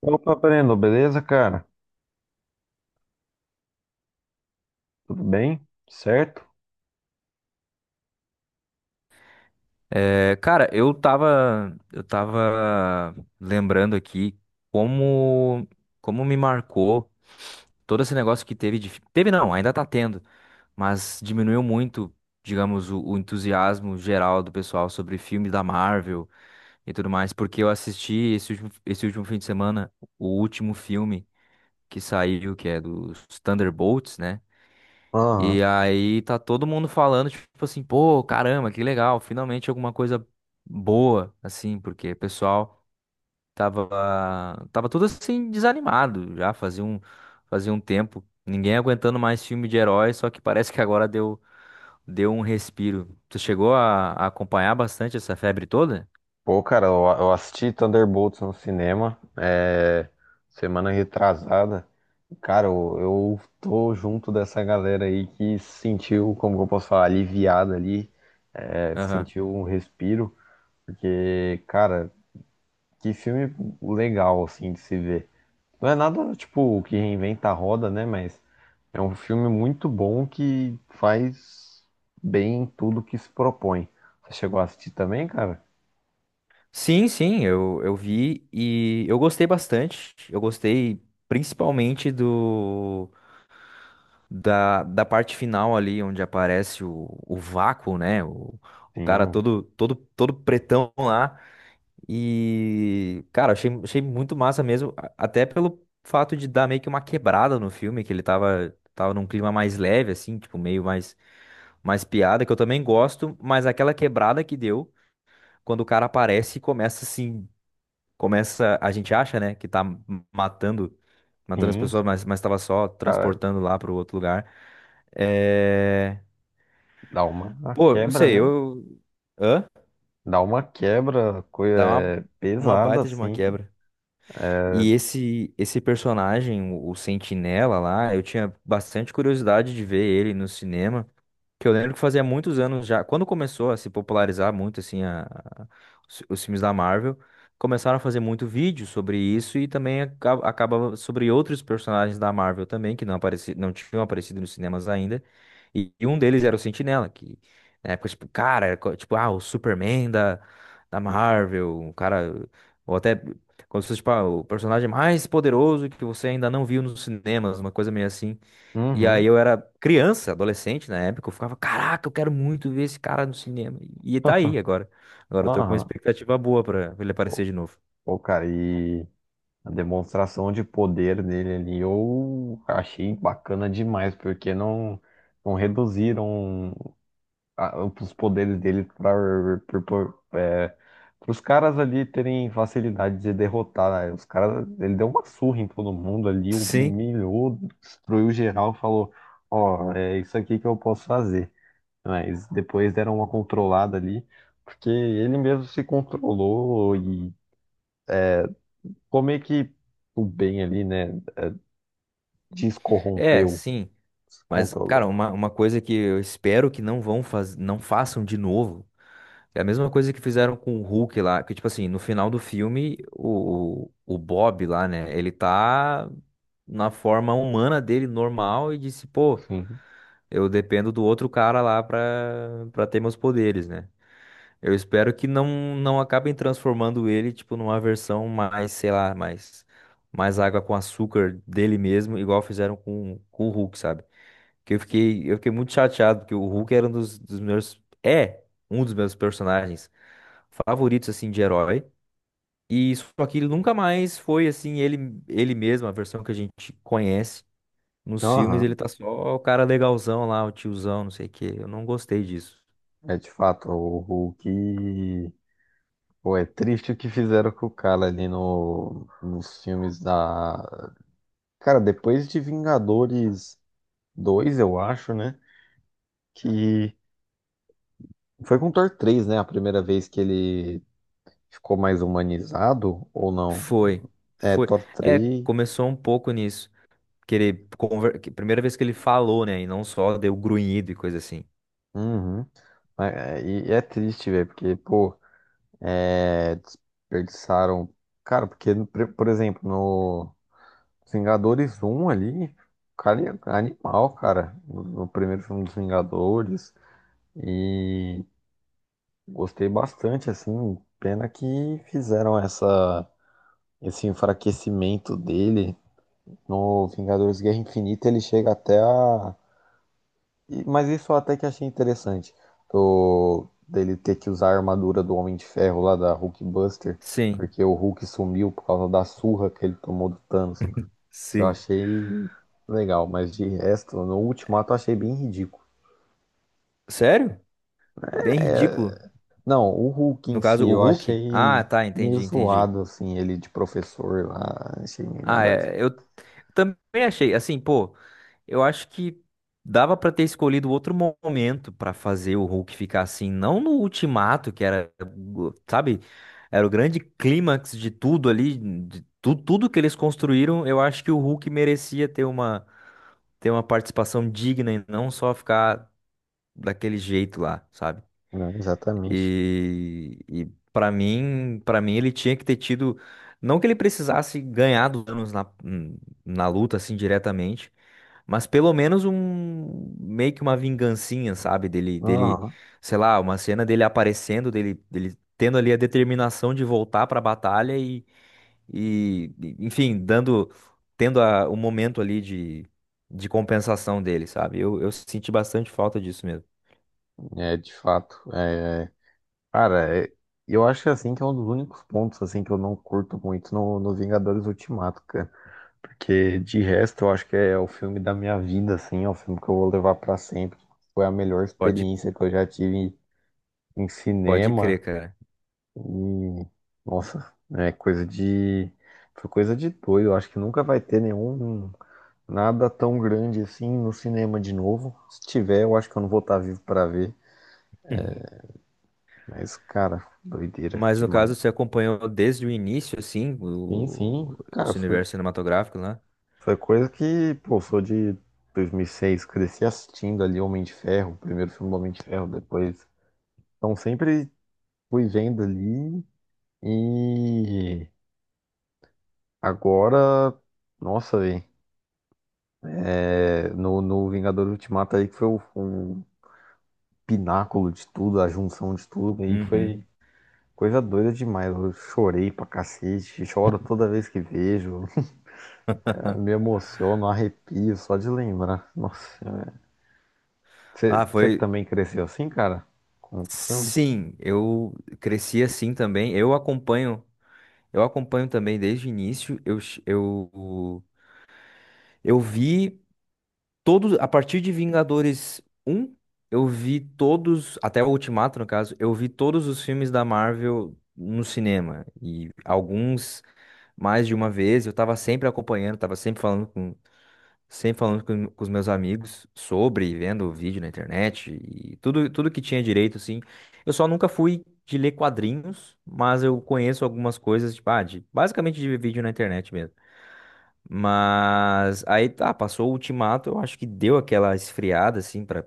Opa, Breno, beleza, cara? Tudo bem? Certo? É, cara, eu tava lembrando aqui como, como me marcou todo esse negócio que teve não, ainda tá tendo, mas diminuiu muito, digamos, o entusiasmo geral do pessoal sobre filme da Marvel e tudo mais, porque eu assisti esse último fim de semana o último filme que saiu, que é dos Thunderbolts, né? Aham. E aí tá todo mundo falando, tipo assim, pô, caramba, que legal, finalmente alguma coisa boa, assim, porque o pessoal tava, tava todo assim desanimado já, fazia um tempo, ninguém aguentando mais filme de herói, só que parece que agora deu, deu um respiro. Tu chegou a acompanhar bastante essa febre toda? Pô, cara, eu assisti Thunderbolts no cinema, é, semana retrasada. Cara, eu tô junto dessa galera aí que se sentiu, como que eu posso falar, aliviada ali, é, Aham. sentiu um respiro, porque, cara, que filme legal, assim, de se ver. Não é nada, tipo, que reinventa a roda, né? Mas é um filme muito bom que faz bem tudo que se propõe. Você chegou a assistir também, cara? Sim, sim, eu vi e eu gostei bastante. Eu gostei principalmente da parte final ali, onde aparece o vácuo, né? O Sim, cara o- todo pretão lá. E, cara, achei muito massa mesmo, até pelo fato de dar meio que uma quebrada no filme, que ele tava num clima mais leve, assim, tipo, meio mais piada, que eu também gosto, mas aquela quebrada que deu. Quando o cara aparece e começa assim, a gente acha, né, que tá matando, matando as sim. pessoas, mas tava só Cara, transportando lá pro outro lugar. É. dá uma Pô, não quebra, sei, né? eu. Hã? Dá uma quebra, coisa Dá uma, é, uma pesada, baita de uma assim. quebra. E esse personagem, o Sentinela lá, eu tinha bastante curiosidade de ver ele no cinema. Que eu lembro que fazia muitos anos já, quando começou a se popularizar muito assim os filmes da Marvel, começaram a fazer muito vídeo sobre isso e também acaba sobre outros personagens da Marvel também que não tinham aparecido nos cinemas ainda. E um deles era o Sentinela, que na época tipo, cara, era tipo, ah, o Superman da Marvel, um cara ou até como se fosse tipo, ah, o personagem mais poderoso que você ainda não viu nos cinemas, uma coisa meio assim. E aí Uhum. eu era criança, adolescente na época, eu ficava, caraca, eu quero muito ver esse cara no cinema. E tá aí agora. Agora eu tô com uma Aham. expectativa boa pra ele aparecer Pô, de novo. pô, cara, e a demonstração de poder dele ali eu achei bacana demais, porque não reduziram os poderes dele para é, os caras ali terem facilidade de derrotar, né? Os caras, ele deu uma surra em todo mundo ali, Sim. humilhou, destruiu geral, falou, ó, é isso aqui que eu posso fazer. Mas depois deram uma controlada ali, porque ele mesmo se controlou e como é que o bem ali, né, É, descorrompeu, sim. se Mas, cara, controlou. uma coisa que eu espero que não façam de novo. É a mesma coisa que fizeram com o Hulk lá, que tipo assim, no final do filme, o Bob lá, né, ele tá na forma humana dele, normal, e disse, pô, Sim. eu dependo do outro cara lá pra ter meus poderes, né? Eu espero que não acabem transformando ele, tipo, numa versão mais, sei lá, mais água com açúcar dele mesmo, igual fizeram com o Hulk, sabe? Que eu fiquei muito chateado, porque o Hulk era um dos, dos meus, é um dos meus personagens favoritos, assim, de herói. E só que ele nunca mais foi, assim, ele mesmo, a versão que a gente conhece. Nos filmes ele Aham. tá só o cara legalzão lá, o tiozão, não sei o quê. Eu não gostei disso. É de fato o que. Pô, é triste o que fizeram com o cara ali no, nos filmes da. Cara, depois de Vingadores dois, eu acho, né? Que foi com Thor três, né? A primeira vez que ele ficou mais humanizado, ou não? Foi, É, foi. Thor É, três. começou um pouco nisso. Que que primeira vez que ele falou, né? E não só deu grunhido e coisa assim. Uhum. Mas, é, e é triste, velho, porque, pô, é, desperdiçaram. Cara, porque, por exemplo, no. Os Vingadores um ali, o cara é animal, cara, no primeiro filme dos Vingadores. E gostei bastante, assim. Pena que fizeram essa, esse enfraquecimento dele. No Vingadores Guerra Infinita ele chega até a. Mas isso eu até que achei interessante. Dele ter que usar a armadura do Homem de Ferro lá da Hulkbuster. Sim, Porque o Hulk sumiu por causa da surra que ele tomou do Thanos. Isso eu sim. achei legal, mas de resto, no Ultimato eu achei bem ridículo. Sério? Bem ridículo. Não, o Hulk No em si caso, o eu Hulk? Ah, achei tá, meio entendi, entendi. zoado, assim, ele de professor lá, achei meio Ah, nada. A ver. é, eu também achei, assim, pô, eu acho que dava pra ter escolhido outro momento pra fazer o Hulk ficar assim, não no ultimato, que era, sabe, era o grande clímax de tudo ali, de tudo que eles construíram, eu acho que o Hulk merecia ter uma participação digna e não só ficar daquele jeito lá, sabe? Não, exatamente. E para mim ele tinha que ter tido, não que ele precisasse ganhar dos anos na luta assim diretamente, mas pelo menos um meio que uma vingancinha, sabe, dele, Aham. sei lá, uma cena dele aparecendo, dele tendo ali a determinação de voltar para a batalha e, enfim, dando tendo o momento ali de compensação dele, sabe? Eu senti bastante falta disso mesmo. É, de fato. É, cara, eu acho assim que é um dos únicos pontos assim que eu não curto muito no Vingadores Ultimato, cara. Porque de resto eu acho que é o filme da minha vida, assim, é o filme que eu vou levar pra sempre. Foi a melhor Pode experiência que eu já tive em pode cinema. crer, cara. E, nossa, é coisa de. Foi coisa de doido. Eu acho que nunca vai ter nenhum. Nada tão grande assim no cinema de novo. Se tiver, eu acho que eu não vou estar vivo pra ver. Mas, cara, doideira Mas no demais. caso, você acompanhou desde o início, assim, Enfim, cara, esse foi, universo cinematográfico, né? foi coisa que, pô, sou de 2006, cresci assistindo ali Homem de Ferro, o primeiro filme do Homem de Ferro, depois. Então, sempre fui vendo ali. E agora, nossa, velho. É, no Vingador Ultimato aí que foi o pináculo de tudo, a junção de tudo, aí Uhum. foi coisa doida demais. Eu chorei pra cacete, choro toda vez que vejo, me emociono, arrepio só de lembrar. Nossa, Ah, você foi. também cresceu assim, cara? Com o filme? Sim, eu cresci assim também. Eu acompanho também desde o início. Eu vi todos, a partir de Vingadores um, eu vi todos, até o Ultimato, no caso, eu vi todos os filmes da Marvel no cinema. E alguns mais de uma vez, eu tava sempre acompanhando, tava sempre com os meus amigos sobre, vendo vídeo na internet e tudo que tinha direito, assim. Eu só nunca fui de ler quadrinhos, mas eu conheço algumas coisas, tipo, ah, de, basicamente de vídeo na internet mesmo. Mas aí tá, passou o Ultimato, eu acho que deu aquela esfriada, assim, pra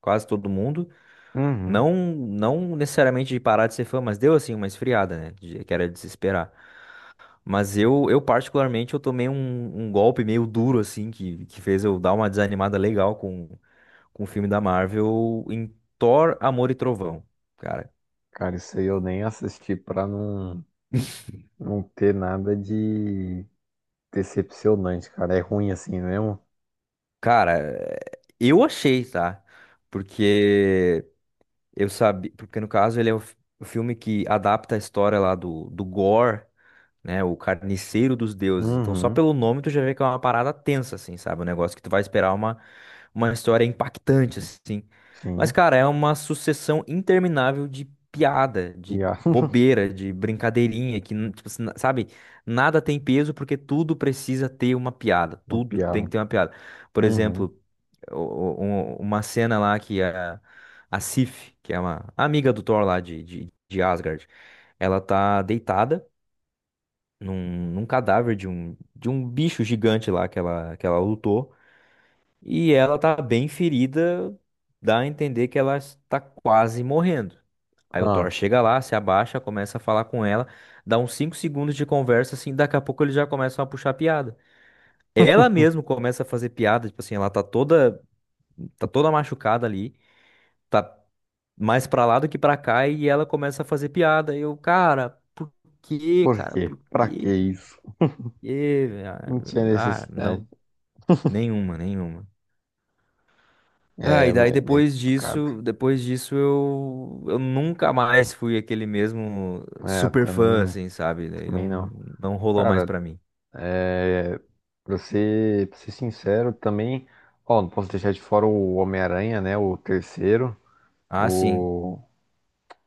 quase todo mundo. Uhum. Não, não necessariamente de parar de ser fã, mas deu, assim, uma esfriada, né? Que era de se esperar. Mas eu particularmente, eu tomei um golpe meio duro, assim, que fez eu dar uma desanimada legal com o filme da Marvel em Thor, Amor e Trovão, cara. Cara, isso aí eu nem assisti pra não ter nada de decepcionante, cara. É ruim assim mesmo? Cara, eu achei, tá? Porque eu sabia. Porque, no caso, ele é o filme que adapta a história lá do Gore, né? O carniceiro dos deuses. Então, só Uhum. pelo nome tu já vê que é uma parada tensa, assim, sabe? Um negócio que tu vai esperar uma história impactante, assim. Mas, Sim. cara, é uma sucessão interminável de piada, de Piada. bobeira, de brincadeirinha, que, tipo, assim, sabe? Nada tem peso porque tudo precisa ter uma piada. Uma Tudo tem piada. que ter uma piada. Por Uhum. exemplo, o- o- uma cena lá que a Sif, que é uma amiga do Thor lá de Asgard, ela tá deitada num cadáver de um bicho gigante lá que ela lutou. E ela tá bem ferida, dá a entender que ela está quase morrendo. Aí o Thor Ah. chega lá, se abaixa, começa a falar com ela, dá uns 5 segundos de conversa, assim, daqui a pouco eles já começam a puxar piada. Ela mesmo começa a fazer piada, tipo assim, ela tá toda machucada ali, tá mais pra lá do que pra cá, e ela começa a fazer piada. E eu, cara, por quê, Por cara? quê? Por Pra que quê? Isso? Ah, Não tinha ah, não. necessidade. Nenhuma, nenhuma. Ah, É, e daí mas é bem depois complicado. disso, depois disso eu nunca mais fui aquele mesmo É, super fã, também, assim, sabe? Daí também não, não. não rolou mais Cara, pra mim. é, pra ser sincero, também. Ó, não posso deixar de fora o Homem-Aranha, né? O terceiro. Ah, sim. O.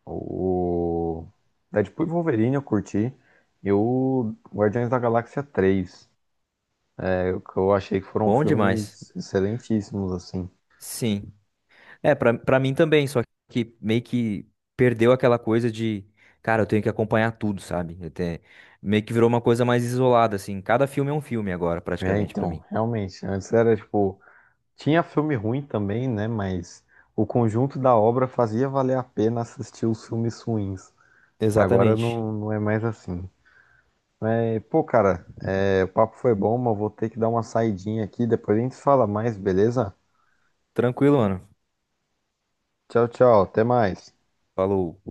O. Deadpool e Wolverine eu curti. E o Guardiões da Galáxia 3, é, o que eu achei que foram Bom demais. filmes excelentíssimos, assim. Sim. É, pra mim também, só que meio que perdeu aquela coisa de, cara, eu tenho que acompanhar tudo, sabe? Meio que virou uma coisa mais isolada, assim. Cada filme é um filme agora, É, praticamente, pra então, mim. realmente. Antes era tipo. Tinha filme ruim também, né? Mas o conjunto da obra fazia valer a pena assistir os filmes ruins. Agora Exatamente. não, não é mais assim. É, pô, cara, é, o papo foi bom, mas eu vou ter que dar uma saidinha aqui. Depois a gente fala mais, beleza? Tranquilo, mano. Tchau, tchau. Até mais. Falou.